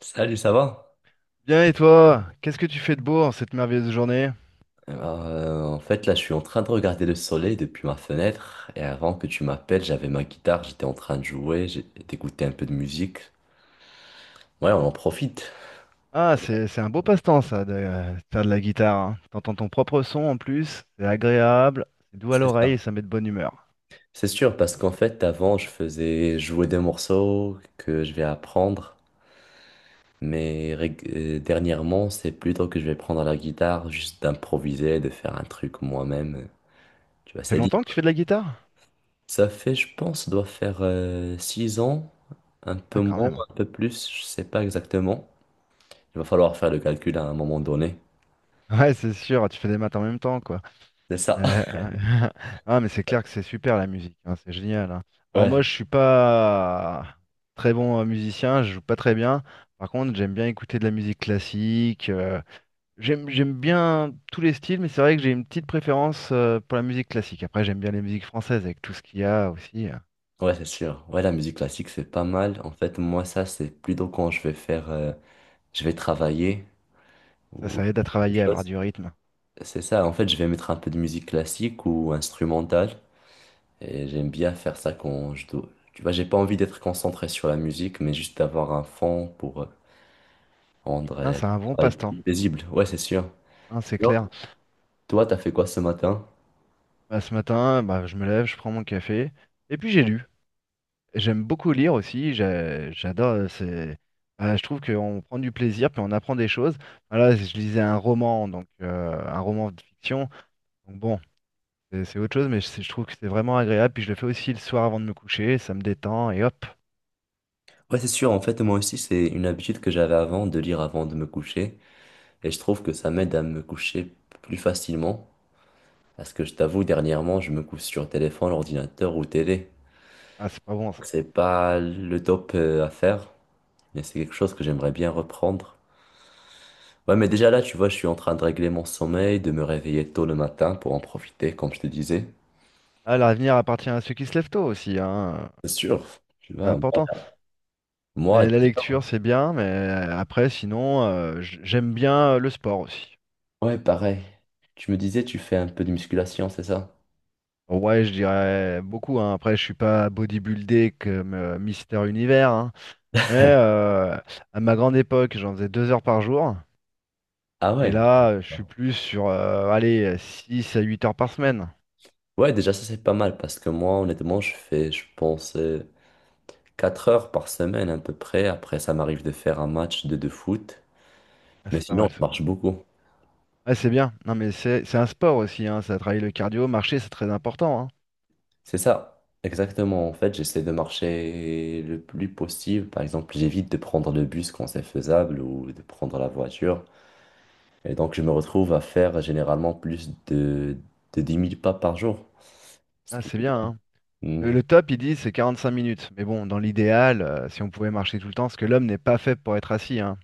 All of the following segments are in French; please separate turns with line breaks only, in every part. Salut, ça va?
Bien et toi, qu'est-ce que tu fais de beau en cette merveilleuse journée?
Alors, là, je suis en train de regarder le soleil depuis ma fenêtre. Et avant que tu m'appelles, j'avais ma guitare, j'étais en train de jouer, d'écouter un peu de musique. Ouais, on en profite.
Ah, c'est un beau passe-temps ça, de faire de la guitare, hein. T'entends ton propre son en plus, c'est agréable, c'est doux à
C'est
l'oreille
ça.
et ça met de bonne humeur.
C'est sûr, parce qu'en fait, avant, je faisais jouer des morceaux que je vais apprendre. Mais dernièrement, c'est plutôt que je vais prendre la guitare, juste d'improviser, de faire un truc moi-même. Tu vois,
Ça fait
c'est.
longtemps que tu fais de la guitare?
Ça fait, je pense, doit faire six ans, un peu
Ah, quand
moins,
même.
un peu plus, je sais pas exactement. Il va falloir faire le calcul à un moment donné.
Ouais, c'est sûr, tu fais des maths en même temps, quoi.
C'est ça.
Euh, Ah, mais c'est clair que c'est super la musique, hein, c'est génial, hein. Alors
Ouais,
moi, je suis pas très bon musicien, je joue pas très bien. Par contre, j'aime bien écouter de la musique classique. J'aime bien tous les styles, mais c'est vrai que j'ai une petite préférence pour la musique classique. Après, j'aime bien les musiques françaises avec tout ce qu'il y a aussi.
ouais, c'est sûr. Ouais, la musique classique, c'est pas mal. En fait, moi, ça, c'est plutôt quand je vais faire, je vais travailler
Ça,
ou
ça aide à
quelque
travailler, à avoir
chose.
du rythme.
C'est ça. En fait, je vais mettre un peu de musique classique ou instrumentale. Et j'aime bien faire ça quand je dois. Tu vois, j'ai pas envie d'être concentré sur la musique, mais juste d'avoir un fond pour
Hein,
rendrait le
c'est un bon
travail
passe-temps,
plus paisible. Ouais, c'est sûr.
hein, c'est
Sinon,
clair.
toi, t'as fait quoi ce matin?
Bah, ce matin, bah, je me lève, je prends mon café, et puis j'ai lu. J'aime beaucoup lire aussi, j'adore. Bah, je trouve qu'on prend du plaisir, puis on apprend des choses. Voilà, je lisais un roman, donc un roman de fiction. Donc bon, c'est autre chose, mais je trouve que c'est vraiment agréable. Puis je le fais aussi le soir avant de me coucher, ça me détend, et hop.
Ouais, c'est sûr. En fait, moi aussi, c'est une habitude que j'avais avant de lire avant de me coucher. Et je trouve que ça m'aide à me coucher plus facilement. Parce que je t'avoue, dernièrement, je me couche sur téléphone, ordinateur ou télé.
Ah, c'est pas bon ça.
C'est pas le top à faire, mais c'est quelque chose que j'aimerais bien reprendre. Ouais, mais déjà là, tu vois, je suis en train de régler mon sommeil, de me réveiller tôt le matin pour en profiter, comme je te disais.
Ah, l'avenir appartient à ceux qui se lèvent tôt aussi, hein.
C'est sûr. Tu
C'est
vois, moi,
important.
moi,
Mais la lecture, c'est bien, mais après, sinon, j'aime bien le sport aussi.
ouais, pareil. Tu me disais, tu fais un peu de musculation, c'est ça?
Ouais, je dirais beaucoup, hein. Après, je suis pas bodybuildé comme Mister Univers, hein. Mais à ma grande époque, j'en faisais 2 heures par jour.
Ah
Et
ouais.
là, je suis plus sur, allez, 6 à 8 heures par semaine.
Ouais, déjà, ça, c'est pas mal parce que moi, honnêtement, je fais, je pense, 4 heures par semaine à peu près. Après, ça m'arrive de faire un match de foot.
Ah,
Mais
c'est pas
sinon,
mal
je
ça.
marche beaucoup.
Ah, c'est bien. Non, mais c'est un sport aussi, hein. Ça travaille le cardio, marcher, c'est très important, hein.
C'est ça, exactement. En fait, j'essaie de marcher le plus possible. Par exemple, j'évite de prendre le bus quand c'est faisable ou de prendre la voiture. Et donc, je me retrouve à faire généralement plus de 10 000 pas par jour. Ce
Ah,
qui est
c'est bien,
bien.
hein.
Hmm.
Le top, ils disent, c'est 45 minutes. Mais bon, dans l'idéal, si on pouvait marcher tout le temps, parce que l'homme n'est pas fait pour être assis, hein.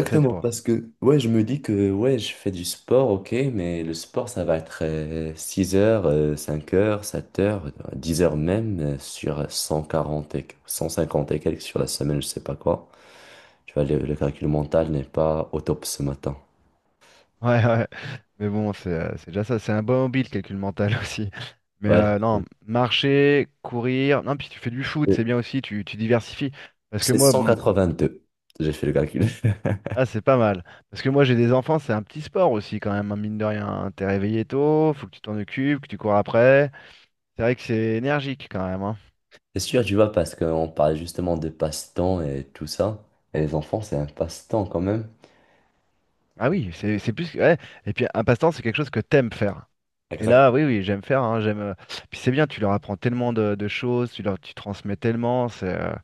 C'est fait pour.
parce que ouais, je me dis que ouais, je fais du sport, ok, mais le sport, ça va être 6 heures, 5 heures, 7 heures, 10 heures même sur 140 et 150 et quelques sur la semaine, je sais pas quoi. Tu vois, le calcul mental n'est pas au top ce matin.
Ouais, ouais. Mais bon, c'est déjà ça. C'est un bon hobby, le calcul mental aussi. Mais
Ouais,
non, marcher, courir. Non, puis tu fais du foot,
c'est
c'est bien aussi, tu diversifies. Parce que moi, bon,
deux J'ai fait le calcul.
ah, c'est pas mal. Parce que moi, j'ai des enfants, c'est un petit sport aussi, quand même, hein, mine de rien, hein. T'es réveillé tôt, faut que tu t'en occupes, que tu cours après. C'est vrai que c'est énergique quand même, hein.
C'est sûr, tu vois, parce qu'on parle justement de passe-temps et tout ça, et les enfants, c'est un passe-temps quand même.
Ah oui, c'est plus. Que- Ouais. Et puis, un passe-temps, c'est quelque chose que t'aimes faire. Et là,
Exactement.
oui, oui, j'aime faire, hein, j'aime. Puis c'est bien, tu leur apprends tellement de choses, tu leur, tu transmets tellement, c'est.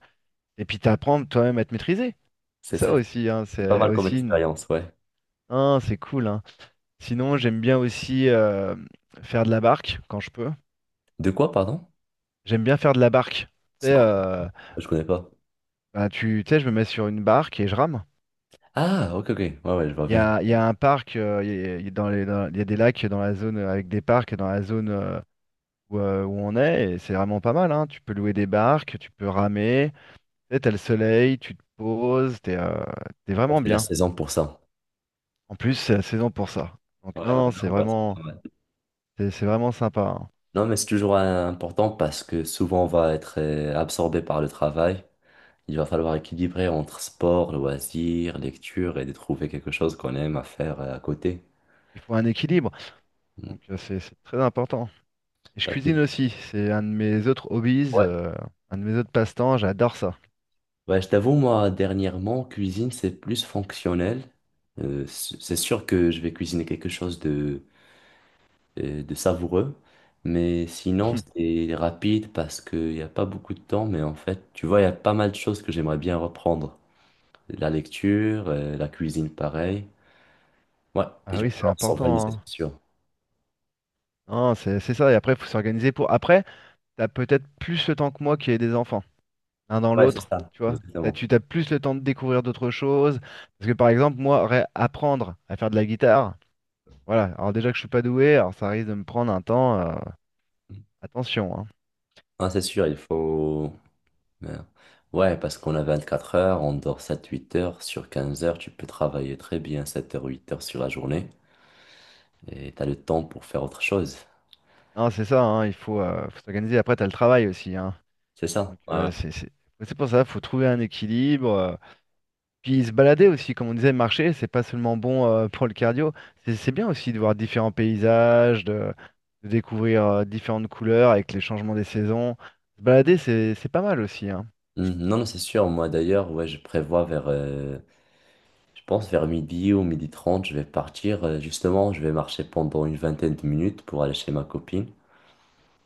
Et puis t'apprends toi-même à te maîtriser.
C'est
C'est
ça,
ça aussi, hein,
c'est pas
c'est
mal comme
aussi. Une-
expérience, ouais.
hein, c'est cool, hein. Sinon, j'aime bien aussi faire de la barque quand je peux.
De quoi, pardon?
J'aime bien faire de la barque. Tu
C'est
sais,
quoi? Je connais pas.
ben, tu sais, je me mets sur une barque et je rame.
Ah, ok, ok. Ouais, ouais, je vois
Il y
bien.
a, il y a un parc, il y a dans les- dans- il y a des lacs dans la zone avec des parcs dans la zone où, où on est, et c'est vraiment pas mal, hein. Tu peux louer des barques, tu peux ramer. Sais, t'as le soleil, tu te poses, t'es
Ouais,
vraiment
c'est la
bien.
saison pour ça.
En plus, c'est la saison pour ça. Donc
Ouais, ouais,
non, non, c'est
non, ouais, c'est
vraiment,
pas mal.
c'est vraiment sympa, hein.
Non, mais c'est toujours important parce que souvent on va être absorbé par le travail. Il va falloir équilibrer entre sport, loisirs, lecture et de trouver quelque chose qu'on aime à faire à côté.
Il faut un équilibre,
Mm.
donc c'est très important. Et je
Pas
cuisine
tout.
aussi, c'est un de mes autres hobbies,
Ouais.
un de mes autres passe-temps, j'adore ça.
Ouais, je t'avoue, moi, dernièrement, cuisine, c'est plus fonctionnel. C'est sûr que je vais cuisiner quelque chose de savoureux. Mais sinon, c'est rapide parce qu'il n'y a pas beaucoup de temps. Mais en fait, tu vois, il y a pas mal de choses que j'aimerais bien reprendre. La lecture, la cuisine, pareil. Ouais, et
Ah
je vais
oui, c'est
falloir s'organiser,
important, hein.
c'est sûr.
Non, c'est ça. Et après, il faut s'organiser pour. Après, t'as peut-être plus le temps que moi qui ai des enfants, l'un dans
Ouais, c'est
l'autre,
ça,
tu vois. T'as,
exactement.
tu t'as plus le temps de découvrir d'autres choses. Parce que par exemple, moi, apprendre à faire de la guitare. Voilà, alors déjà que je suis pas doué, alors ça risque de me prendre un temps. Attention, hein.
Ah, c'est sûr, il faut... Merde. Ouais, parce qu'on a 24 heures, on dort sept huit heures. Sur 15 heures, tu peux travailler très bien 7 heures, 8 heures sur la journée. Et tu as le temps pour faire autre chose.
Non, c'est ça, hein, il faut, faut s'organiser. Après, tu as le travail aussi, hein.
C'est ça.
Donc
Ouais, ouais.
euh, c'est c'est- c'est pour ça, faut trouver un équilibre. Puis se balader aussi, comme on disait, marcher, c'est pas seulement bon pour le cardio. C'est bien aussi de voir différents paysages, de découvrir différentes couleurs avec les changements des saisons. Se balader, c'est pas mal aussi, hein.
Mhm. Non, non, c'est sûr. Moi, d'ailleurs, ouais, je prévois vers je pense vers midi ou midi 30, je vais partir. Justement, je vais marcher pendant une vingtaine de minutes pour aller chez ma copine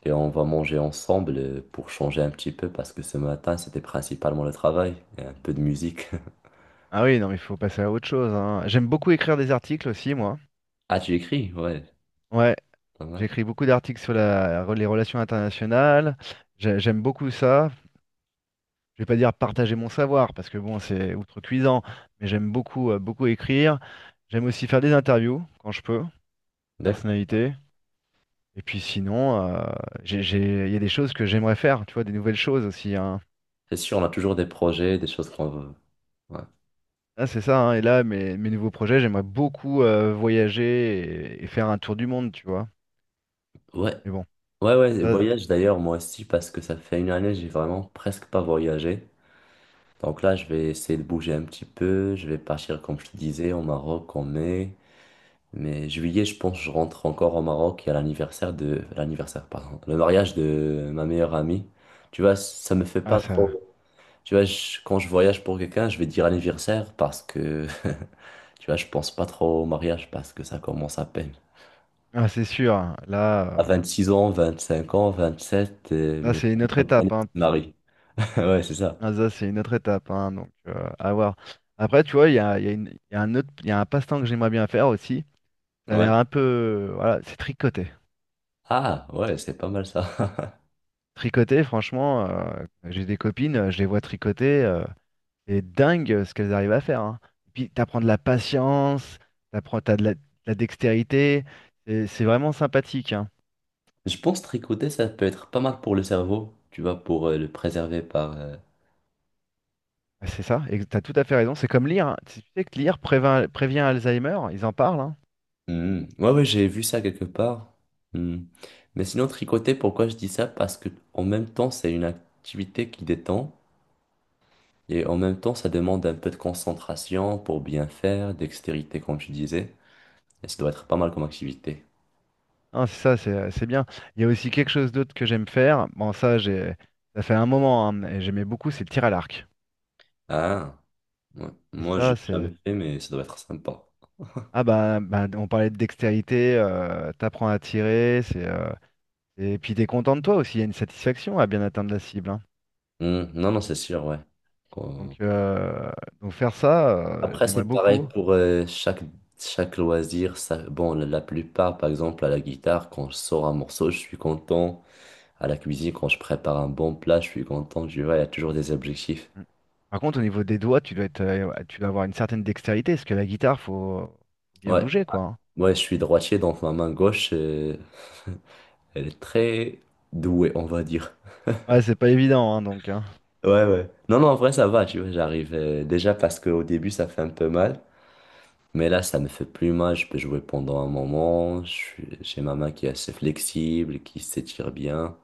et on va manger ensemble pour changer un petit peu parce que ce matin, c'était principalement le travail et un peu de musique.
Ah oui, non, mais il faut passer à autre chose, hein. J'aime beaucoup écrire des articles aussi, moi.
Ah, tu écris? Ouais,
Ouais.
pas mal.
J'écris beaucoup d'articles sur la- les relations internationales. J'ai- J'aime beaucoup ça. Je vais pas dire partager mon savoir parce que bon, c'est outrecuidant, mais j'aime beaucoup, beaucoup écrire. J'aime aussi faire des interviews quand je peux,
D'accord.
personnalité. Et puis sinon, j'ai- il y a des choses que j'aimerais faire, tu vois, des nouvelles choses aussi, hein.
C'est sûr, on a toujours des projets, des choses qu'on veut. Ouais.
Là, c'est ça, hein. Et là, mes nouveaux projets, j'aimerais beaucoup voyager et faire un tour du monde, tu vois.
Ouais,
Mais bon,
ouais, et
ça,
voyage d'ailleurs, moi aussi, parce que ça fait une année, j'ai vraiment presque pas voyagé. Donc là, je vais essayer de bouger un petit peu. Je vais partir, comme je te disais, au Maroc en mai. Mais juillet, je pense, je rentre encore au Maroc. Il y a l'anniversaire de... L'anniversaire, pardon. Le mariage de ma meilleure amie. Tu vois, ça me fait pas
ça,
trop... Tu vois, quand je voyage pour quelqu'un, je vais dire anniversaire parce que... Tu vois, je pense pas trop au mariage parce que ça commence à peine.
ah, c'est sûr, hein.
À 26 ans, 25 ans, 27,
Là,
mais...
c'est une autre étape, hein.
Marie. Ouais, c'est ça.
Ah, ça, c'est une autre étape, hein, donc à voir. Après, tu vois, il y a une- il y a un autre, il y a un passe-temps que j'aimerais bien faire aussi. Ça a
Ouais.
l'air un peu, voilà, c'est tricoter.
Ah, ouais, c'est pas mal ça.
Tricoter, franchement, j'ai des copines, je les vois tricoter, c'est dingue ce qu'elles arrivent à faire, hein. Et puis, t'apprends de la patience, t'apprends, t'as de la dextérité, et c'est vraiment sympathique, hein.
Je pense tricoter, ça peut être pas mal pour le cerveau. Tu vois, pour le préserver par...
C'est ça, et t'as tout à fait raison. C'est comme lire, hein. Tu sais que lire prévient Alzheimer, ils en parlent, hein.
Hmm. Ouais, ouais, j'ai vu ça quelque part. Hmm. Mais sinon, tricoter, pourquoi je dis ça? Parce que en même temps, c'est une activité qui détend et en même temps, ça demande un peu de concentration pour bien faire, dextérité, comme tu disais. Et ça doit être pas mal comme activité.
Non, c'est ça, c'est bien. Il y a aussi quelque chose d'autre que j'aime faire. Bon, ça, j'ai, ça fait un moment, hein, et j'aimais beaucoup, c'est le tir à l'arc.
Ah, ouais.
Et
Moi,
ça,
j'ai jamais
c'est.
fait, mais ça doit être sympa.
Ah, bah, bah, on parlait de dextérité, t'apprends à tirer, c'est. Et puis, t'es content de toi aussi, il y a une satisfaction à bien atteindre la cible, hein.
Hmm. Non, non, c'est sûr, ouais. Euh,
Donc, euh, donc, faire ça,
Après,
j'aimerais
c'est pareil
beaucoup.
pour chaque loisir. Ça, bon, la plupart, par exemple, à la guitare, quand je sors un morceau, je suis content. À la cuisine, quand je prépare un bon plat, je suis content, tu vois, il y a toujours des objectifs.
Mm. Par contre, au niveau des doigts, tu dois être, ouais, tu dois avoir une certaine dextérité, parce que la guitare, faut, faut bien
Ouais,
bouger, quoi, hein.
ouais, je suis droitier, donc ma main gauche elle est très douée, on va dire.
Ouais, c'est pas évident, hein, donc, hein.
Ouais, ouais. Non, non, en vrai, ça va, tu vois, j'arrive. Déjà parce qu'au début, ça fait un peu mal. Mais là, ça me fait plus mal. Je peux jouer pendant un moment. J'ai ma main qui est assez flexible, qui s'étire bien.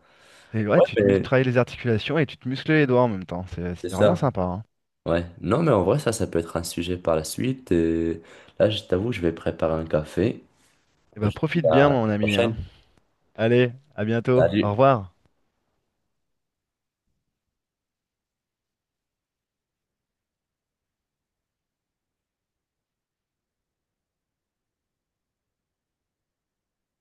C'est vrai,
Ouais,
tu te
mais
travailles les articulations et tu te muscles les doigts en même temps. C'est
c'est
c'est vraiment
ça.
sympa, hein.
Ouais. Non, mais en vrai, ça peut être un sujet par la suite. Et là, je t'avoue, je vais préparer un café.
Et
Je
bah
te dis
profite
à
bien,
la
mon ami, hein.
prochaine.
Allez, à bientôt.
Salut.
Au revoir.